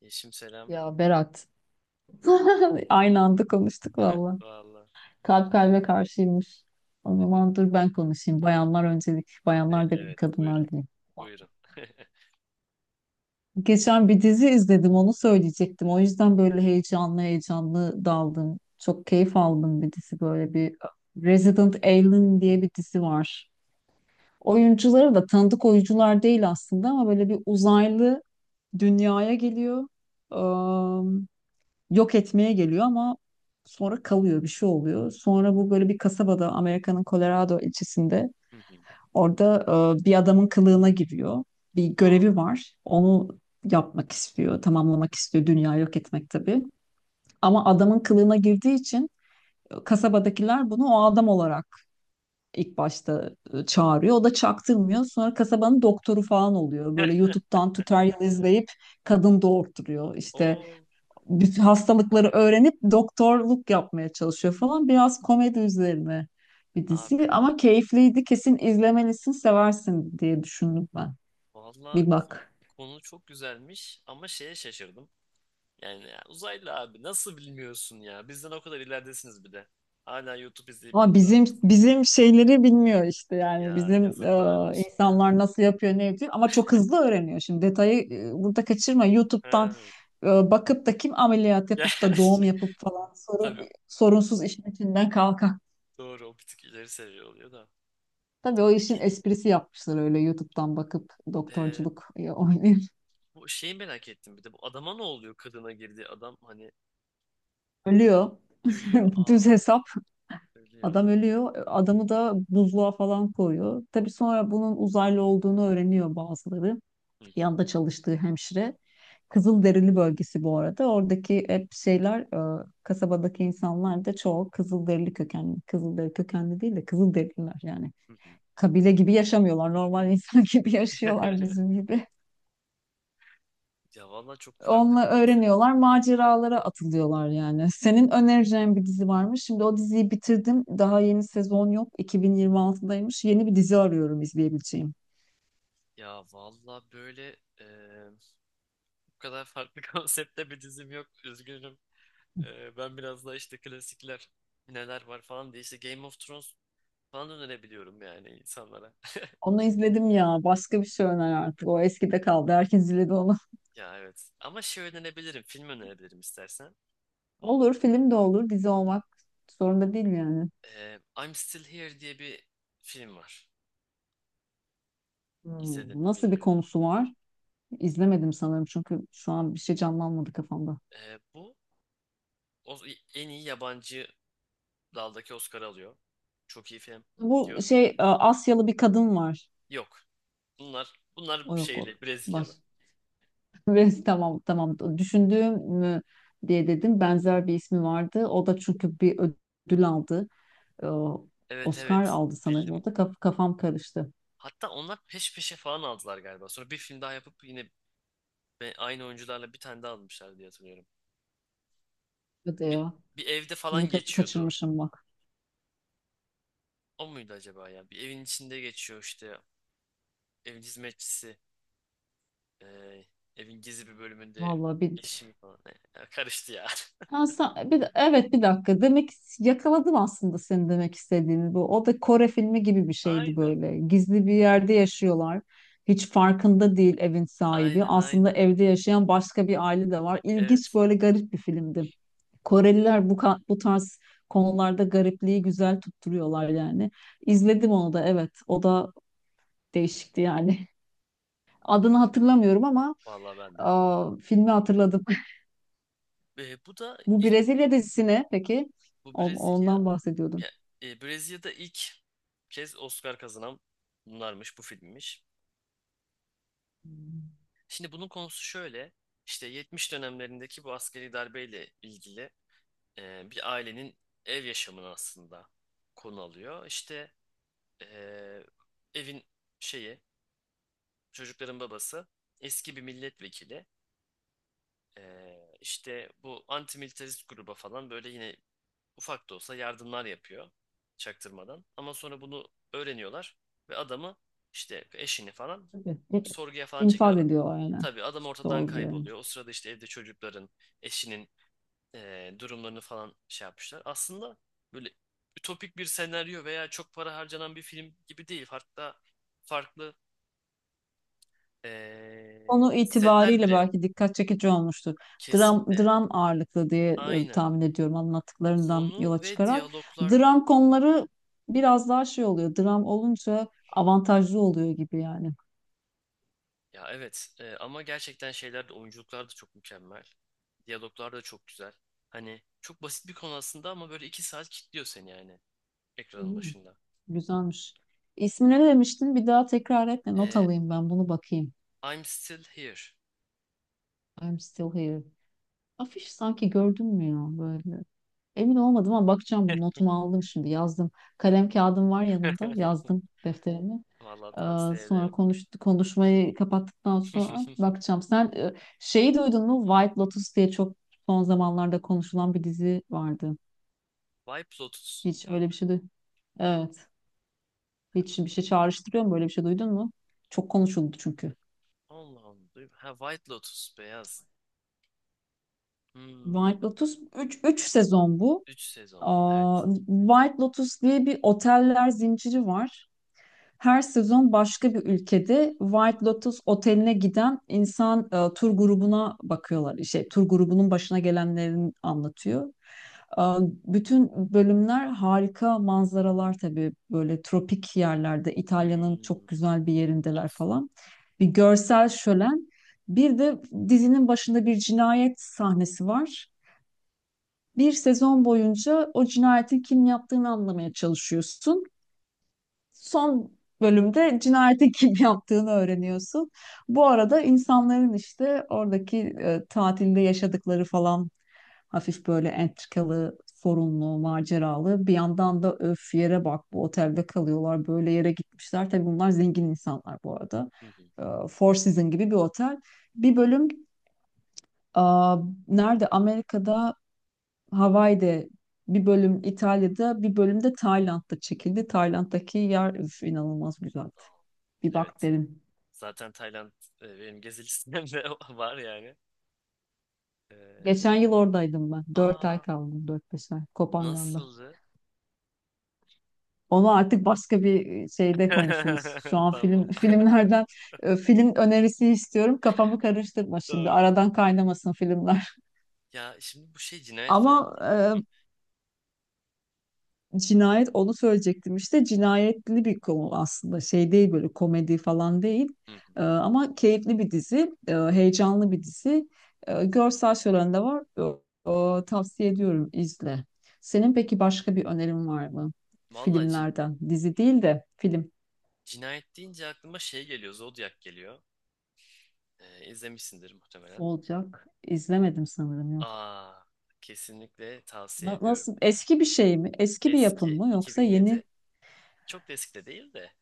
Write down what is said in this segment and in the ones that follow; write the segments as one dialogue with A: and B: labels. A: Yeşim selam.
B: Ya Berat. Aynı anda konuştuk valla.
A: Valla.
B: Kalp kalbe karşıymış. O zaman dur ben konuşayım. Bayanlar öncelik. Bayanlar da bir
A: Evet buyurun.
B: kadınlar değil.
A: Buyurun.
B: Geçen bir dizi izledim, onu söyleyecektim. O yüzden böyle heyecanlı heyecanlı daldım. Çok keyif aldım, bir dizi böyle bir, Resident Alien diye bir dizi var. Oyuncuları da tanıdık oyuncular değil aslında, ama böyle bir uzaylı dünyaya geliyor. Yok etmeye geliyor ama sonra kalıyor, bir şey oluyor. Sonra bu böyle bir kasabada, Amerika'nın Colorado ilçesinde
A: Hı hı.
B: orada bir adamın kılığına giriyor. Bir
A: Aa.
B: görevi var. Onu yapmak istiyor, tamamlamak istiyor. Dünya yok etmek tabii. Ama adamın kılığına girdiği için kasabadakiler bunu o adam olarak ilk başta çağırıyor. O da çaktırmıyor. Sonra kasabanın doktoru falan oluyor. Böyle YouTube'dan tutorial izleyip kadın doğurtturuyor. İşte
A: Oo
B: bütün hastalıkları öğrenip doktorluk yapmaya çalışıyor falan. Biraz komedi üzerine bir dizi
A: abi.
B: ama keyifliydi. Kesin izlemelisin, seversin diye düşündüm ben.
A: Valla
B: Bir bak.
A: konu çok güzelmiş ama şeye şaşırdım. Yani ya, uzaylı abi nasıl bilmiyorsun ya? Bizden o kadar ileridesiniz bir de. Hala YouTube izleyip
B: Ama
A: burada.
B: bizim şeyleri bilmiyor işte, yani
A: Ya
B: bizim
A: yazıklar olsun ya.
B: insanlar nasıl yapıyor, ne yapıyor, ama çok hızlı öğreniyor. Şimdi detayı burada kaçırma.
A: Ha.
B: YouTube'dan bakıp da kim ameliyat
A: Ya,
B: yapıp da doğum
A: şey-
B: yapıp falan,
A: tabii
B: sorunsuz işin içinden kalkar.
A: doğru o bir tık ileri seviye oluyor da.
B: Tabii o işin
A: Peki
B: esprisi, yapmışlar öyle YouTube'dan bakıp
A: e,
B: doktorculuk oynayıp.
A: bu şeyi merak ettim bir de bu adama ne oluyor, kadına girdiği adam hani
B: Ölüyor.
A: ölüyor.
B: Düz
A: Aa.
B: hesap.
A: Söylüyor.
B: Adam ölüyor. Adamı da buzluğa falan koyuyor. Tabii sonra bunun uzaylı olduğunu öğreniyor bazıları.
A: Hı hı,
B: Yanında çalıştığı hemşire. Kızılderili bölgesi bu arada. Oradaki hep şeyler, e, kasabadaki insanlar da çoğu Kızılderili kökenli. Kızılderili kökenli değil de Kızılderililer yani.
A: hı hı.
B: Kabile gibi yaşamıyorlar. Normal insan gibi yaşıyorlar, bizim gibi.
A: Ya valla çok farklı bir
B: Onunla
A: konsept.
B: öğreniyorlar, maceralara atılıyorlar yani. Senin önereceğin bir dizi var mı? Şimdi o diziyi bitirdim. Daha yeni sezon yok. 2026'daymış. Yeni bir dizi arıyorum izleyebileceğim.
A: Ya valla böyle bu kadar farklı konseptte bir dizim yok. Üzgünüm. Ben biraz daha işte klasikler neler var falan diye işte Game of Thrones falan önerebiliyorum yani insanlara.
B: Onu izledim ya. Başka bir şey öner artık. O eskide kaldı. Herkes izledi onu.
A: Ya evet. Ama şey önerebilirim. Film önerebilirim istersen.
B: Olur, film de olur. Dizi olmak zorunda değil yani.
A: I'm Still Here diye bir film var. İzledin mi
B: Nasıl bir
A: bilmiyorum.
B: konusu var? İzlemedim sanırım çünkü şu an bir şey canlanmadı kafamda.
A: Bu o, en iyi yabancı daldaki Oscar alıyor. Çok iyi film.
B: Bu şey, Asyalı bir kadın var.
A: Yok. Bunlar
B: O yok o.
A: şeyli,
B: Baş.
A: Brezilyalı.
B: Ve tamam tamam düşündüğüm mü diye dedim. Benzer bir ismi vardı. O da çünkü bir ödül aldı. Ee,
A: Evet
B: Oscar
A: evet,
B: aldı sanırım.
A: bildim.
B: O da kafam karıştı.
A: Hatta onlar peş peşe falan aldılar galiba. Sonra bir film daha yapıp yine aynı oyuncularla bir tane daha almışlar diye hatırlıyorum.
B: Hadi
A: Bir,
B: ya.
A: bir evde falan
B: Bunu
A: geçiyordu.
B: kaçırmışım bak.
A: O muydu acaba ya? Bir evin içinde geçiyor işte. Evin hizmetçisi, eee, evin gizli bir bölümünde
B: Vallahi bir.
A: eşimi falan. Ne? Ya karıştı ya.
B: Ha, bir, evet, bir dakika. Demek yakaladım aslında senin demek istediğini. Bu o da Kore filmi gibi bir şeydi
A: Aynen.
B: böyle. Gizli bir yerde yaşıyorlar. Hiç farkında değil evin sahibi.
A: Aynen
B: Aslında
A: aynen.
B: evde yaşayan başka bir aile de var. İlginç,
A: Evet.
B: böyle garip bir filmdi. Koreliler bu tarz konularda garipliği güzel tutturuyorlar yani. İzledim onu da, evet. O da değişikti yani. Adını hatırlamıyorum ama
A: Vallahi ben de.
B: aa, filmi hatırladım.
A: Ve bu da
B: Bu
A: ilk,
B: Brezilya dizisi ne peki?
A: bu Brezilya.
B: Ondan bahsediyordum.
A: Ya, Brezilya'da ilk kez Oscar kazanan bunlarmış, bu filmmiş.
B: Hmm,
A: Şimdi bunun konusu şöyle. İşte 70 dönemlerindeki bu askeri darbeyle ilgili bir ailenin ev yaşamını aslında konu alıyor. İşte e, evin şeyi, çocukların babası eski bir milletvekili. İşte bu antimilitarist gruba falan böyle yine ufak da olsa yardımlar yapıyor çaktırmadan. Ama sonra bunu öğreniyorlar ve adamı işte, eşini falan
B: tabii.
A: sorguya falan
B: İnfaz
A: çekiyorlar.
B: ediyor aynen.
A: Tabii adam ortadan
B: Sorguya.
A: kayboluyor. O sırada işte evde çocukların, eşinin durumlarını falan şey yapmışlar. Aslında böyle ütopik bir senaryo veya çok para harcanan bir film gibi değil. Hatta farklı
B: Konu
A: setler
B: itibariyle
A: bile yok.
B: belki dikkat çekici olmuştur. Dram,
A: Kesinlikle
B: dram ağırlıklı diye
A: aynı.
B: tahmin ediyorum anlattıklarından yola
A: Sonu ve
B: çıkarak.
A: diyaloglar,
B: Dram konuları biraz daha şey oluyor. Dram olunca avantajlı oluyor gibi yani.
A: ya evet, ama gerçekten şeyler de oyunculuklar da çok mükemmel. Diyaloglar da çok güzel. Hani çok basit bir konu aslında ama böyle 2 saat kilitliyor seni yani, ekranın
B: Hmm,
A: başında.
B: güzelmiş. İsmi ne demiştin? Bir daha tekrar etme. Not
A: E,
B: alayım ben bunu, bakayım.
A: I'm still here.
B: I'm still here. Afiş sanki gördün mü ya böyle? Emin olmadım ama bakacağım bunu. Notumu aldım, şimdi yazdım. Kalem kağıdım var yanımda. Yazdım defterimi.
A: Vallahi
B: Ee,
A: tavsiye
B: sonra
A: ederim.
B: konuşmayı kapattıktan sonra bakacağım. Sen şeyi duydun mu? White Lotus diye çok son zamanlarda konuşulan bir dizi vardı.
A: White Lotus.
B: Hiç öyle bir şey duydun. Evet. Hiç
A: Hemen
B: bir
A: bak.
B: şey çağrıştırıyor mu? Böyle bir şey duydun mu? Çok konuşuldu çünkü.
A: Allah Allah. Ha, White Lotus beyaz.
B: White
A: Hmm.
B: Lotus üç sezon bu.
A: 3 sezon.
B: Aa,
A: Evet.
B: White Lotus diye bir oteller zinciri var. Her sezon başka bir ülkede White Lotus oteline giden tur grubuna bakıyorlar. Şey, tur grubunun başına gelenlerini anlatıyor. E, bütün bölümler harika manzaralar, tabii böyle tropik yerlerde, İtalya'nın
A: Hmm.
B: çok güzel bir yerindeler
A: Of.
B: falan. Bir görsel şölen. Bir de dizinin başında bir cinayet sahnesi var. Bir sezon boyunca o cinayetin kim yaptığını anlamaya çalışıyorsun, son bölümde cinayeti kim yaptığını öğreniyorsun. Bu arada insanların işte oradaki tatilde yaşadıkları falan, hafif böyle entrikalı, sorunlu, maceralı. Bir yandan da öf, yere bak bu otelde kalıyorlar, böyle yere gitmişler. Tabii bunlar zengin insanlar bu arada.
A: Hı hı.
B: E, Four Seasons gibi bir otel. Bir bölüm e, nerede? Amerika'da Hawaii'de, bir bölüm İtalya'da, bir bölüm de Tayland'da çekildi. Tayland'daki yer, üf, inanılmaz güzeldi.
A: Aa,
B: Bir bak
A: evet.
B: derim.
A: Zaten Tayland benim gezi listemde var yani. Ee,
B: Geçen yıl oradaydım ben. Dört ay
A: Aa,
B: kaldım. Dört beş ay. Koh Phangan'da.
A: nasıldı?
B: Onu artık başka bir şeyde konuşuruz. Şu an
A: Tamam.
B: film filmlerden film önerisi istiyorum. Kafamı karıştırma şimdi.
A: Doğru.
B: Aradan kaynamasın filmler.
A: Ya şimdi bu şey, cinayet
B: Ama
A: falan. Hı,
B: cinayet, onu söyleyecektim işte, cinayetli bir konu aslında, şey değil böyle, komedi falan değil.
A: hı, hı.
B: Ama keyifli bir dizi, heyecanlı bir dizi. Görsel şölen de var. Tavsiye ediyorum, izle. Senin peki başka bir önerin var mı,
A: Vallahi
B: filmlerden, dizi değil de film
A: cinayet deyince aklıma şey geliyor. Zodiac geliyor. İzlemişsindir muhtemelen.
B: olacak? İzlemedim sanırım, yok.
A: Aa, kesinlikle tavsiye ediyorum.
B: Nasıl, eski bir şey mi, eski bir yapım
A: Eski,
B: mı yoksa yeni?
A: 2007. Çok da eski de değil de,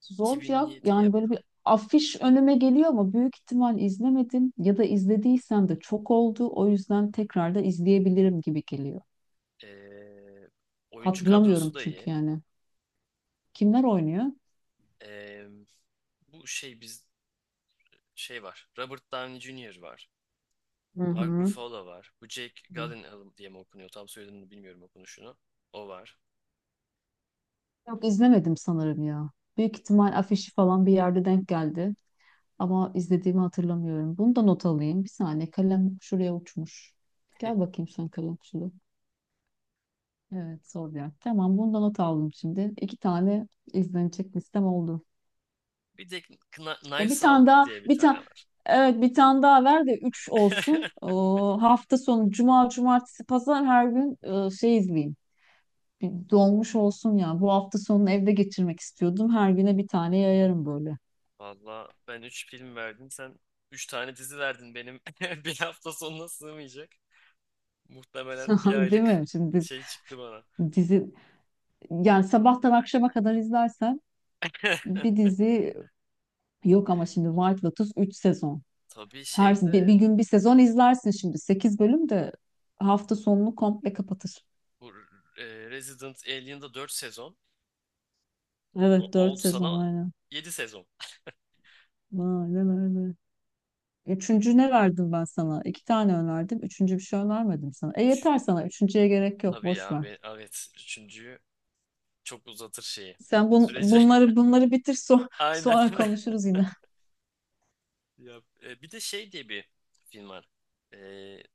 B: Zodiac,
A: 2007 yap.
B: yani böyle bir afiş önüme geliyor ama büyük ihtimal izlemedim, ya da izlediysem de çok oldu. O yüzden tekrar da izleyebilirim gibi geliyor.
A: Ee, Oyuncu kadrosu
B: Hatırlamıyorum
A: da iyi.
B: çünkü yani. Kimler oynuyor?
A: Ee, Bu şey biz, şey var. Robert Downey Jr. var.
B: Hı
A: Mark
B: hı.
A: Ruffalo var. Bu Jake Gyllenhaal diye mi okunuyor? Tam soyadını bilmiyorum okunuşunu. O var.
B: Yok, izlemedim sanırım ya. Büyük
A: Hmm.
B: ihtimal afişi falan bir yerde denk geldi ama izlediğimi hatırlamıyorum. Bunu da not alayım. Bir saniye, kalem şuraya uçmuş. Gel bakayım sen, kalem şuraya. Evet, Zodiac. Tamam, bunu da not aldım şimdi. İki tane izlenecek listem oldu.
A: Bir de
B: Ya bir
A: Knives Out
B: tane daha,
A: diye bir
B: bir
A: tane
B: tane,
A: var.
B: evet, bir tane daha ver de 3 olsun. Hafta sonu cuma cumartesi pazar, her gün şey izleyeyim. Bir dolmuş olsun ya. Bu hafta sonunu evde geçirmek istiyordum. Her güne bir tane yayarım böyle.
A: Valla ben 3 film verdim. Sen 3 tane dizi verdin benim. Bir hafta sonuna sığmayacak. Muhtemelen bir
B: Değil
A: aylık
B: mi? Şimdi biz
A: şey çıktı bana.
B: dizi, yani sabahtan akşama kadar izlersen bir dizi yok ama şimdi White Lotus 3 sezon.
A: Tabii
B: Her bir,
A: şeydi.
B: bir gün bir sezon izlersin, şimdi 8 bölüm de hafta sonunu komple kapatır.
A: Bu e, Resident Alien'da 4 sezon.
B: Evet, dört
A: Oldu
B: sezon
A: sana
B: aynen.
A: 7 sezon.
B: Aynen öyle. Üçüncü ne verdim ben sana? İki tane önerdim. Üçüncü bir şey önermedim sana. Yeter sana. Üçüncüye gerek yok.
A: Tabii
B: Boş
A: ya
B: ver.
A: be, evet üçüncüyü çok uzatır şeyi
B: Sen bun,
A: sürece.
B: bunları bunları bitir,
A: Aynen.
B: sonra konuşuruz yine.
A: Ya, bir de şey diye bir film var. E,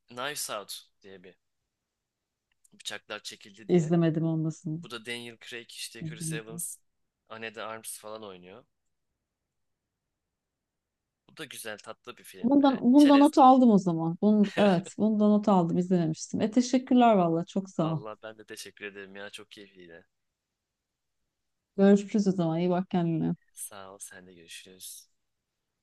A: Knives Out diye bir, bıçaklar çekildi diye.
B: İzlemedim olmasın.
A: Bu da Daniel Craig işte, Chris
B: İzlemedim.
A: Evans, Anne de Arms falan oynuyor. Bu da güzel, tatlı bir film.
B: Bundan not
A: Çerezlik.
B: aldım o zaman. Evet, bundan not aldım. İzlememiştim. Teşekkürler valla. Çok sağ ol.
A: Vallahi ben de teşekkür ederim ya, çok keyifliydi.
B: Görüşürüz o zaman. İyi bak kendine.
A: Sağ ol, sen de görüşürüz.